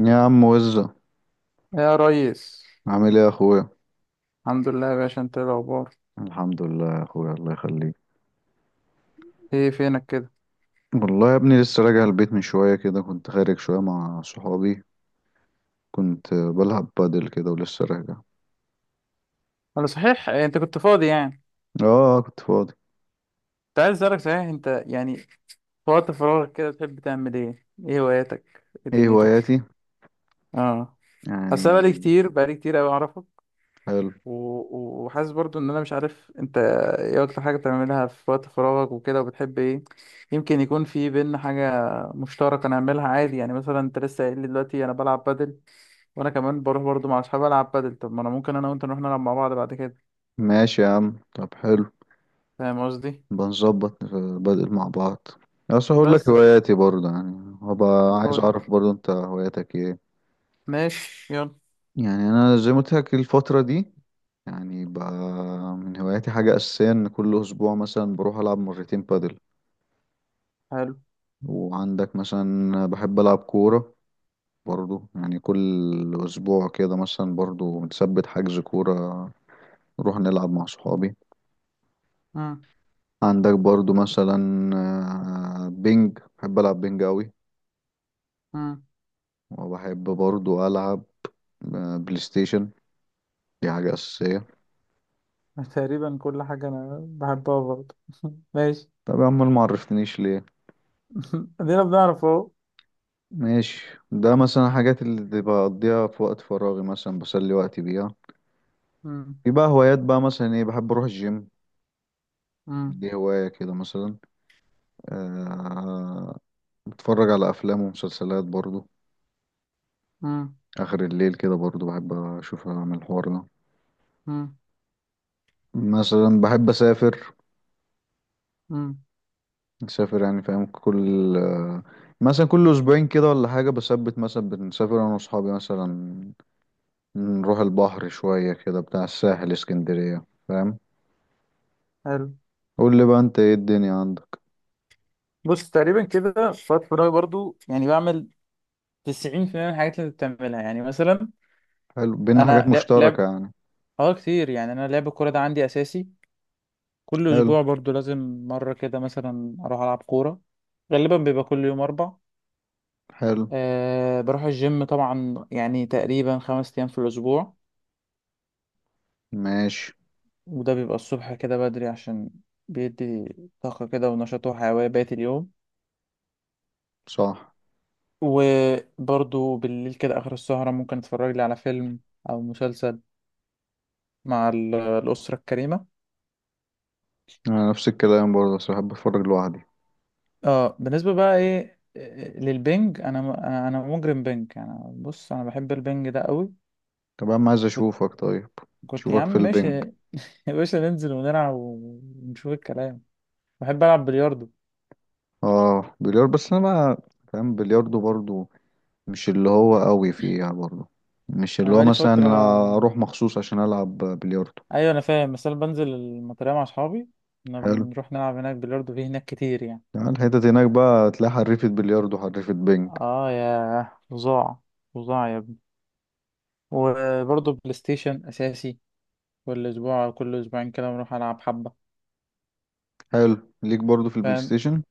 يا عم وزة، يا ريس. عامل ايه يا اخويا؟ الحمد لله يا باشا، انت ايه الاخبار؟ الحمد لله يا اخويا، الله يخليك. ايه فينك كده؟ والله يا ابني لسه راجع البيت من شوية كده، كنت خارج شوية مع صحابي. كنت بلعب بادل كده ولسه راجع. انا صحيح إيه، انت كنت فاضي يعني؟ اه كنت فاضي. كنت عايز اسالك، صحيح انت يعني في وقت فراغك كده بتحب تعمل ايه هواياتك؟ ايه ايه هواياتي؟ دنيتك؟ اه، اصل أنا بقالي يعني. كتير بقالي كتير قوي اعرفك. حلو. و... و- وحاسس برضو ان انا مش عارف انت ايه اكتر حاجه بتعملها في وقت فراغك وكده وبتحب ايه. يمكن يكون في بينا حاجه مشتركه نعملها عادي، يعني مثلا انت لسه قايل لي دلوقتي انا بلعب بادل، وانا كمان بروح برضو مع اصحابي العب بادل، طب ما انا ممكن انا وانت نروح نلعب مع بعض بعد كده. ماشي يا عم، طب حلو. فاهم قصدي؟ بنظبط بادل مع بعض. بس هقول لك بس ف- هواياتي برضه، يعني هبقى عايز قول. اعرف برضه انت هواياتك ايه. ماشي يلا. يعني انا زي ما قلت لك الفترة دي، يعني من هواياتي حاجة أساسية إن كل أسبوع مثلا بروح ألعب مرتين بادل. حلو. وعندك مثلا بحب ألعب كورة برضو، يعني كل أسبوع كده مثلا برضو بنثبت حجز كورة، نروح نلعب مع صحابي. مم. عندك برضو مثلا بينج، بحب ألعب بينج أوي. مم. وبحب برضو ألعب بلاي ستيشن، دي حاجة أساسية. تقريبا كل حاجة أنا بحبها برضه. ماشي. طب يا عم، ما عرفتنيش ليه؟ ادينا بنعرف اهو. ماشي، ده مثلا حاجات اللي بقضيها في وقت فراغي، مثلا بسلي وقتي بيها. مم. يبقى هوايات بقى مثلا ايه، بحب اروح الجيم. مم. دي هواية كده مثلا. أه بتفرج على افلام ومسلسلات برضو. مم. اخر الليل كده برضو بحب اشوف اعمل الحوار ده. مم. مثلا بحب اسافر مم. اسافر يعني فاهم، كل آه، مثلا كل اسبوعين كده ولا حاجة، بثبت مثلا بنسافر انا واصحابي مثلا، نروح البحر شوية كده، بتاع الساحل اسكندرية، فاهم؟ حلو. قول لي بقى، انت ايه الدنيا عندك؟ بص، تقريبا كده في وقت فراغي برضه يعني بعمل 90% من الحاجات اللي بتعملها، يعني مثلا حلو، بينا حاجات أنا لعب لعب. مشتركة يعني. اه، كتير. يعني أنا لعب الكورة ده عندي أساسي، كل حلو. أسبوع برضه لازم مرة كده مثلا أروح ألعب كورة، غالبا بيبقى كل يوم أربع. حلو. أه، بروح الجيم طبعا، يعني تقريبا 5 أيام في الأسبوع. ماشي. وده بيبقى الصبح كده بدري، عشان بيدي طاقة كده ونشاط وحيوية بقية اليوم. صح. وبرضو بالليل كده آخر السهرة ممكن أتفرج لي على فيلم أو مسلسل مع الأسرة الكريمة. أنا نفس الكلام برضه، بس بحب أتفرج لوحدي. اه، بالنسبة بقى إيه، للبنج، أنا مجرم بنج. أنا بص، أنا بحب البنج ده قوي. طب يا عم، عايز كنت أشوفك طيب، كنت يا أشوفك عم في ماشي. البنك. يا باشا، ننزل ونلعب ونشوف الكلام. بحب ألعب بلياردو. آه بلياردو، بس أنا بقى فاهم بلياردو برضه، مش اللي هو قوي فيها برضه، مش أنا اللي هو بقالي مثلا فترة. أنا أروح مخصوص عشان ألعب بلياردو. ايوه، انا فاهم، بس انا بنزل المطريه مع اصحابي، كنا حلو. بنروح نلعب هناك بلياردو في هناك كتير يعني. يعني الحتت هناك بقى تلاقي حريفة بلياردو، حريفة بنك. اه، يا فظاع، فظاع يا ابني. وبرضه بلاي ستيشن اساسي، كل اسبوع أو كل اسبوعين كده بنروح العب حبه. حلو ليك برضه في البلاي فاهم. ستيشن.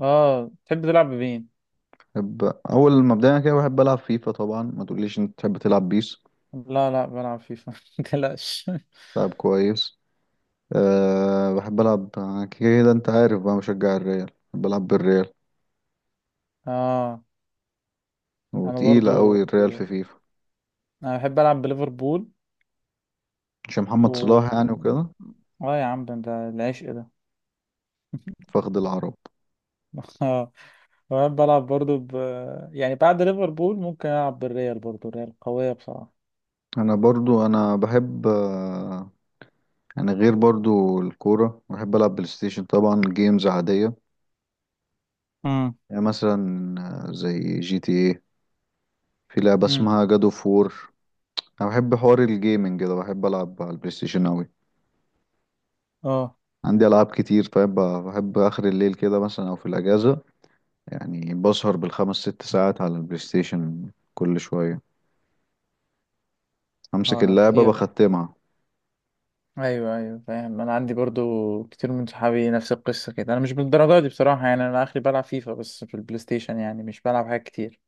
اه، تحب تلعب بمين؟ بحب أول ما بدأنا كده بحب ألعب فيفا طبعا، ما تقوليش أنت تحب تلعب بيس. لا لا، بلعب فيفا. متقلقش. لعب كويس. أه بحب ألعب كده، أنت عارف بقى مشجع الريال، بحب ألعب بالريال. اه انا وتقيلة برضو أوي الريال في فيفا. انا بحب العب بليفربول. عشان محمد صلاح يعني و وكده. اه، يا عم، ده العشق ده. فخد العرب. اه. وأنا بلعب برضو يعني بعد ليفربول ممكن ألعب بالريال، برضو الريال قوية بصراحة. أنا برضو أنا بحب يعني غير برضو الكورة، بحب ألعب بلاي ستيشن طبعا، جيمز عادية. امم، يعني مثلا زي جي تي ايه، في لعبة امم. اسمها جادو فور. أنا بحب حوار الجيمنج كده، بحب ألعب على البلاي ستيشن أوي. اه عندي ألعاب كتير، طيب بحب آخر الليل كده مثلا أو في الأجازة، يعني بسهر بالخمس ست ساعات على البلاي ستيشن، كل شوية أمسك اه، ده اللعبة كتير ده. بختمها. ايوه ايوه، فاهم. انا عندي برضو كتير من صحابي نفس القصه كده. انا مش بالدرجه دي بصراحه، يعني انا اخري بلعب فيفا بس في البلاي ستيشن، يعني مش بلعب حاجات كتير.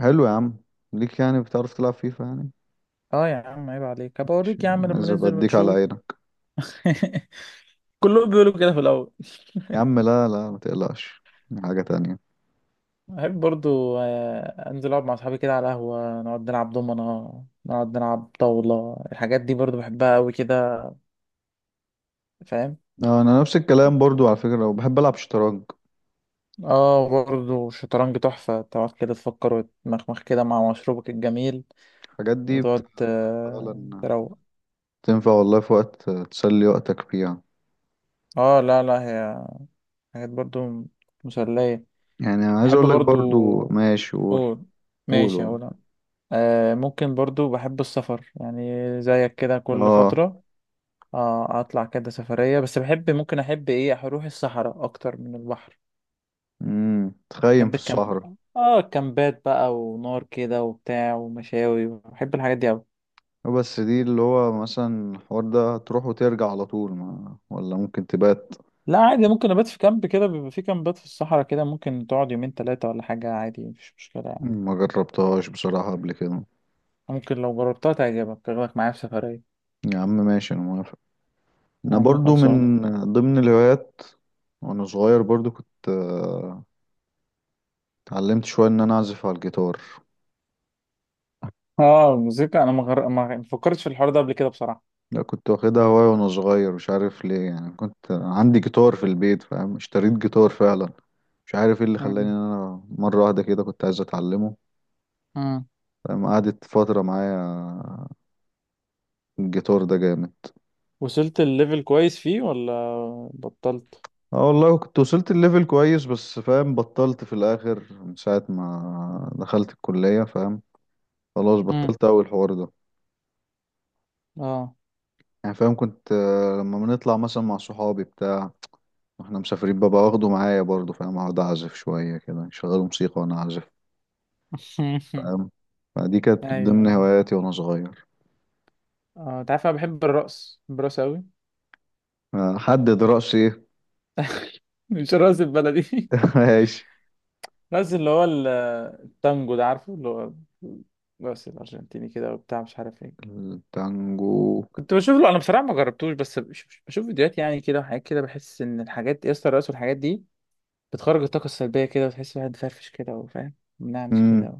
حلو يا عم. ليك يعني بتعرف تلعب فيفا يعني. اه يا عم عيب عليك، هبقى مش- اوريك يا عم لما عايز أبقى ننزل أديك على ونشوف. عينك. كلهم بيقولوا كده في الاول. يا عم لا لا، ما تقلقش، دي حاجة تانية. بحب برضو انزل اقعد مع اصحابي كده على قهوه، نقعد نلعب دومنه، نقعد نلعب طاوله. الحاجات دي برضو بحبها قوي كده. فاهم. آه، أنا نفس الكلام برضو على فكرة، وبحب ألعب شطرنج. اه، برضه شطرنج تحفة، تقعد كده تفكر وتمخمخ كده مع مشروبك الجميل، الحاجات دي وتقعد فعلا تروق. تنفع والله في وقت تسلي وقتك فيها. اه لا لا، هي حاجات برضه مسلية. يعني أنا عايز بحب أقول لك برضه. برضو، ماشي قول قول. قول ماشي قول. اقول أنا. ممكن برضه بحب السفر يعني، زيك كده كل آه، فترة. اطلع كده سفرية، بس بحب، ممكن احب ايه اروح الصحراء اكتر من البحر. تخيم بحب في الكامب. الصحراء. اه، الكامبات بقى، ونار كده وبتاع ومشاوي، بحب الحاجات دي أوي. بس دي اللي هو مثلا الحوار ده تروح وترجع على طول، ما ولا ممكن تبات؟ لا عادي، ممكن ابات في كامب كده، بيبقى في كامبات في الصحراء كده ممكن تقعد يومين ثلاثة ولا حاجة، عادي مفيش مشكلة يعني. ما جربتهاش بصراحة قبل كده. ممكن لو جربتها تعجبك، تاخدك معايا في سفرية. يا عم ماشي، انا موافق. يا انا عم برضو خلصان. من ضمن الهوايات، وانا صغير برضو كنت اتعلمت شوية ان انا اعزف على الجيتار. اه الموسيقى انا ما فكرتش في الحوار ده قبل كده بصراحة. لا كنت واخدها هواية وانا صغير، مش عارف ليه يعني، كنت عندي جيتار في البيت، فاهم؟ اشتريت جيتار فعلا. مش عارف ايه اللي خلاني امم، ان انا مرة واحدة كده كنت عايز اتعلمه. امم. فاهم؟ قعدت فترة معايا الجيتار ده جامد. وصلت الليفل كويس فيه ولا بطلت؟ اه والله كنت وصلت الليفل كويس، بس فاهم بطلت في الاخر من ساعة ما دخلت الكلية، فاهم؟ خلاص امم. بطلت اول حوار ده. اه. يعني فاهم كنت لما بنطلع مثلا مع صحابي بتاع واحنا مسافرين، ببقى واخده معايا برضه، فاهم؟ اقعد اعزف شوية كده شغال موسيقى وانا اعزف. فاهم. فدي كانت من ايوه ضمن ايوه. هواياتي وانا صغير. اه انت عارف، انا بحب الرقص، بحب الرقص قوي. آه، حدد رأسي ايه. مش الرقص البلدي، ماشي. نازل اللي هو التانجو ده، عارفه، اللي هو بس الأرجنتيني كده وبتاع مش عارف ايه. التانجو. كنت بشوف له أنا بصراحة، ما جربتوش بس بشوف فيديوهات يعني كده وحاجات كده. بحس إن الحاجات يا اسطى، الرقص والحاجات دي بتخرج الطاقة السلبية كده، وتحس الواحد فرفش كده وفاهم منعنش كده امم و...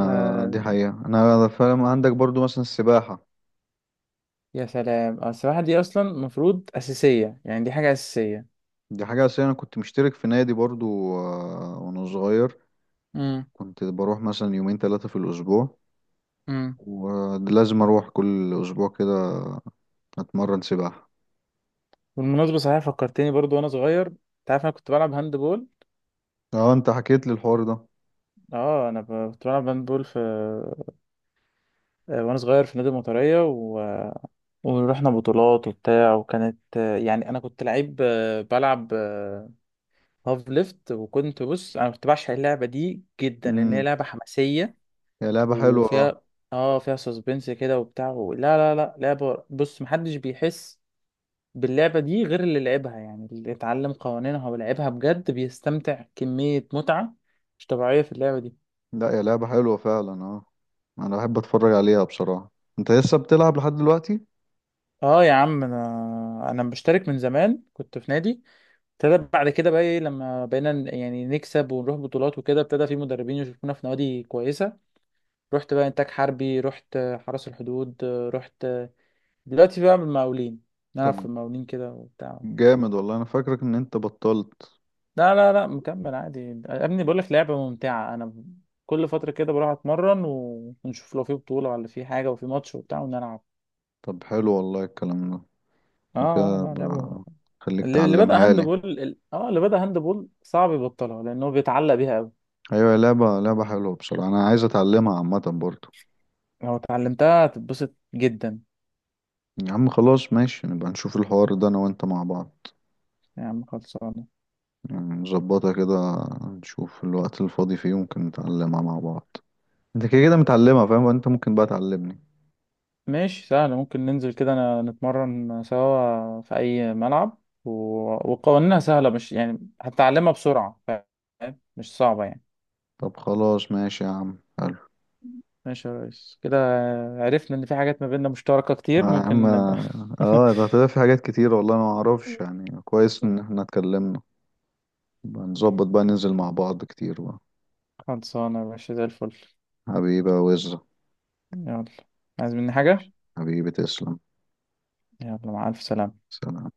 ف... دي حقيقة انا فاهم. عندك برضو مثلا السباحة، يا سلام، السباحة دي أصلا المفروض أساسية، يعني دي حاجة أساسية. دي حاجة أساسية. أنا كنت مشترك في نادي برضو وأنا صغير امم، كنت بروح مثلا يومين ثلاثة في الأسبوع، امم. ولازم أروح كل أسبوع كده أتمرن سباحة. بالمناسبة صحيح فكرتني، برضو وأنا صغير أنت عارف أنا كنت بلعب هاند بول. اه أنت حكيت لي الحوار ده. اه انا كنت بلعب هاند بول في، وانا صغير في نادي المطريه. ورحنا بطولات وبتاع، وكانت يعني انا كنت لعيب، بلعب هاف ليفت. وكنت بص، انا كنت بعشق اللعبه دي جدا لان هي امم لعبه حماسيه يا لعبة حلوة اه. وفيها. اه فيها سسبنس كده وبتاع لا لا لا، لعبه بص محدش بيحس باللعبه دي غير اللي لعبها، يعني اللي اتعلم قوانينها ولعبها بجد بيستمتع كميه متعه مش طبيعيه في اللعبه دي. لا يا لعبة حلوة فعلا اه. أنا بحب أتفرج عليها بصراحة. أنت لسه بتلعب لحد دلوقتي؟ اه يا عم انا مشترك من زمان، كنت في نادي. ابتدى بعد كده بقى ايه، لما بقينا يعني نكسب ونروح بطولات وكده، ابتدى في مدربين يشوفونا في نوادي كويسة. رحت بقى انتاج حربي، رحت حرس الحدود، رحت دلوقتي بقى بالمقاولين، نلعب طب في المقاولين كده وبتاع. جامد والله، أنا فاكرك إن أنت بطلت. لا لا لا، مكمل عادي يا ابني، بقول لك لعبة ممتعة. انا كل فترة كده بروح اتمرن، و- ونشوف لو في بطولة ولا في حاجة وفي ماتش وبتاع، ونلعب. طب حلو والله الكلام ده. اه وكده لا لعبة خليك اللي بدأ تعلمها هاند لي. بول صعب يبطلها، لأنه بيتعلق بيها قوي. أيوة، يا لعبة حلوة بصراحة، أنا عايز أتعلمها عامة برضو. لو اتعلمتها هتتبسط جدا. يا عم خلاص ماشي، نبقى نشوف الحوار ده انا وانت مع بعض. يا عم خلصانة. يعني نظبطها كده، نشوف الوقت الفاضي فيه ممكن نتعلمها مع بعض. انت كده كده متعلمها، فاهم؟ انت ممكن بقى تعلمني. ماشي سهل، ممكن ننزل كده نتمرن سوا في أي ملعب و... وقوانينها سهلة مش يعني، هتتعلمها بسرعة. فاهم، مش صعبة يعني. طب خلاص ماشي يا عم حلو. ماشي يا ريس كده، عرفنا إن في حاجات ما بيننا مشتركة يا كتير، عم ممكن نبقى. اه، ده هتبقى في حاجات كتير والله، ما اعرفش يعني كويس ان احنا اتكلمنا. نبقى نظبط بقى، ننزل مع بعض كتير بقى. خلصانة يا باشا زي الفل. حبيبة وزة. يلا، عايز مني حاجة؟ حبيبي تسلم. يلا، مع ألف سلامة. سلام.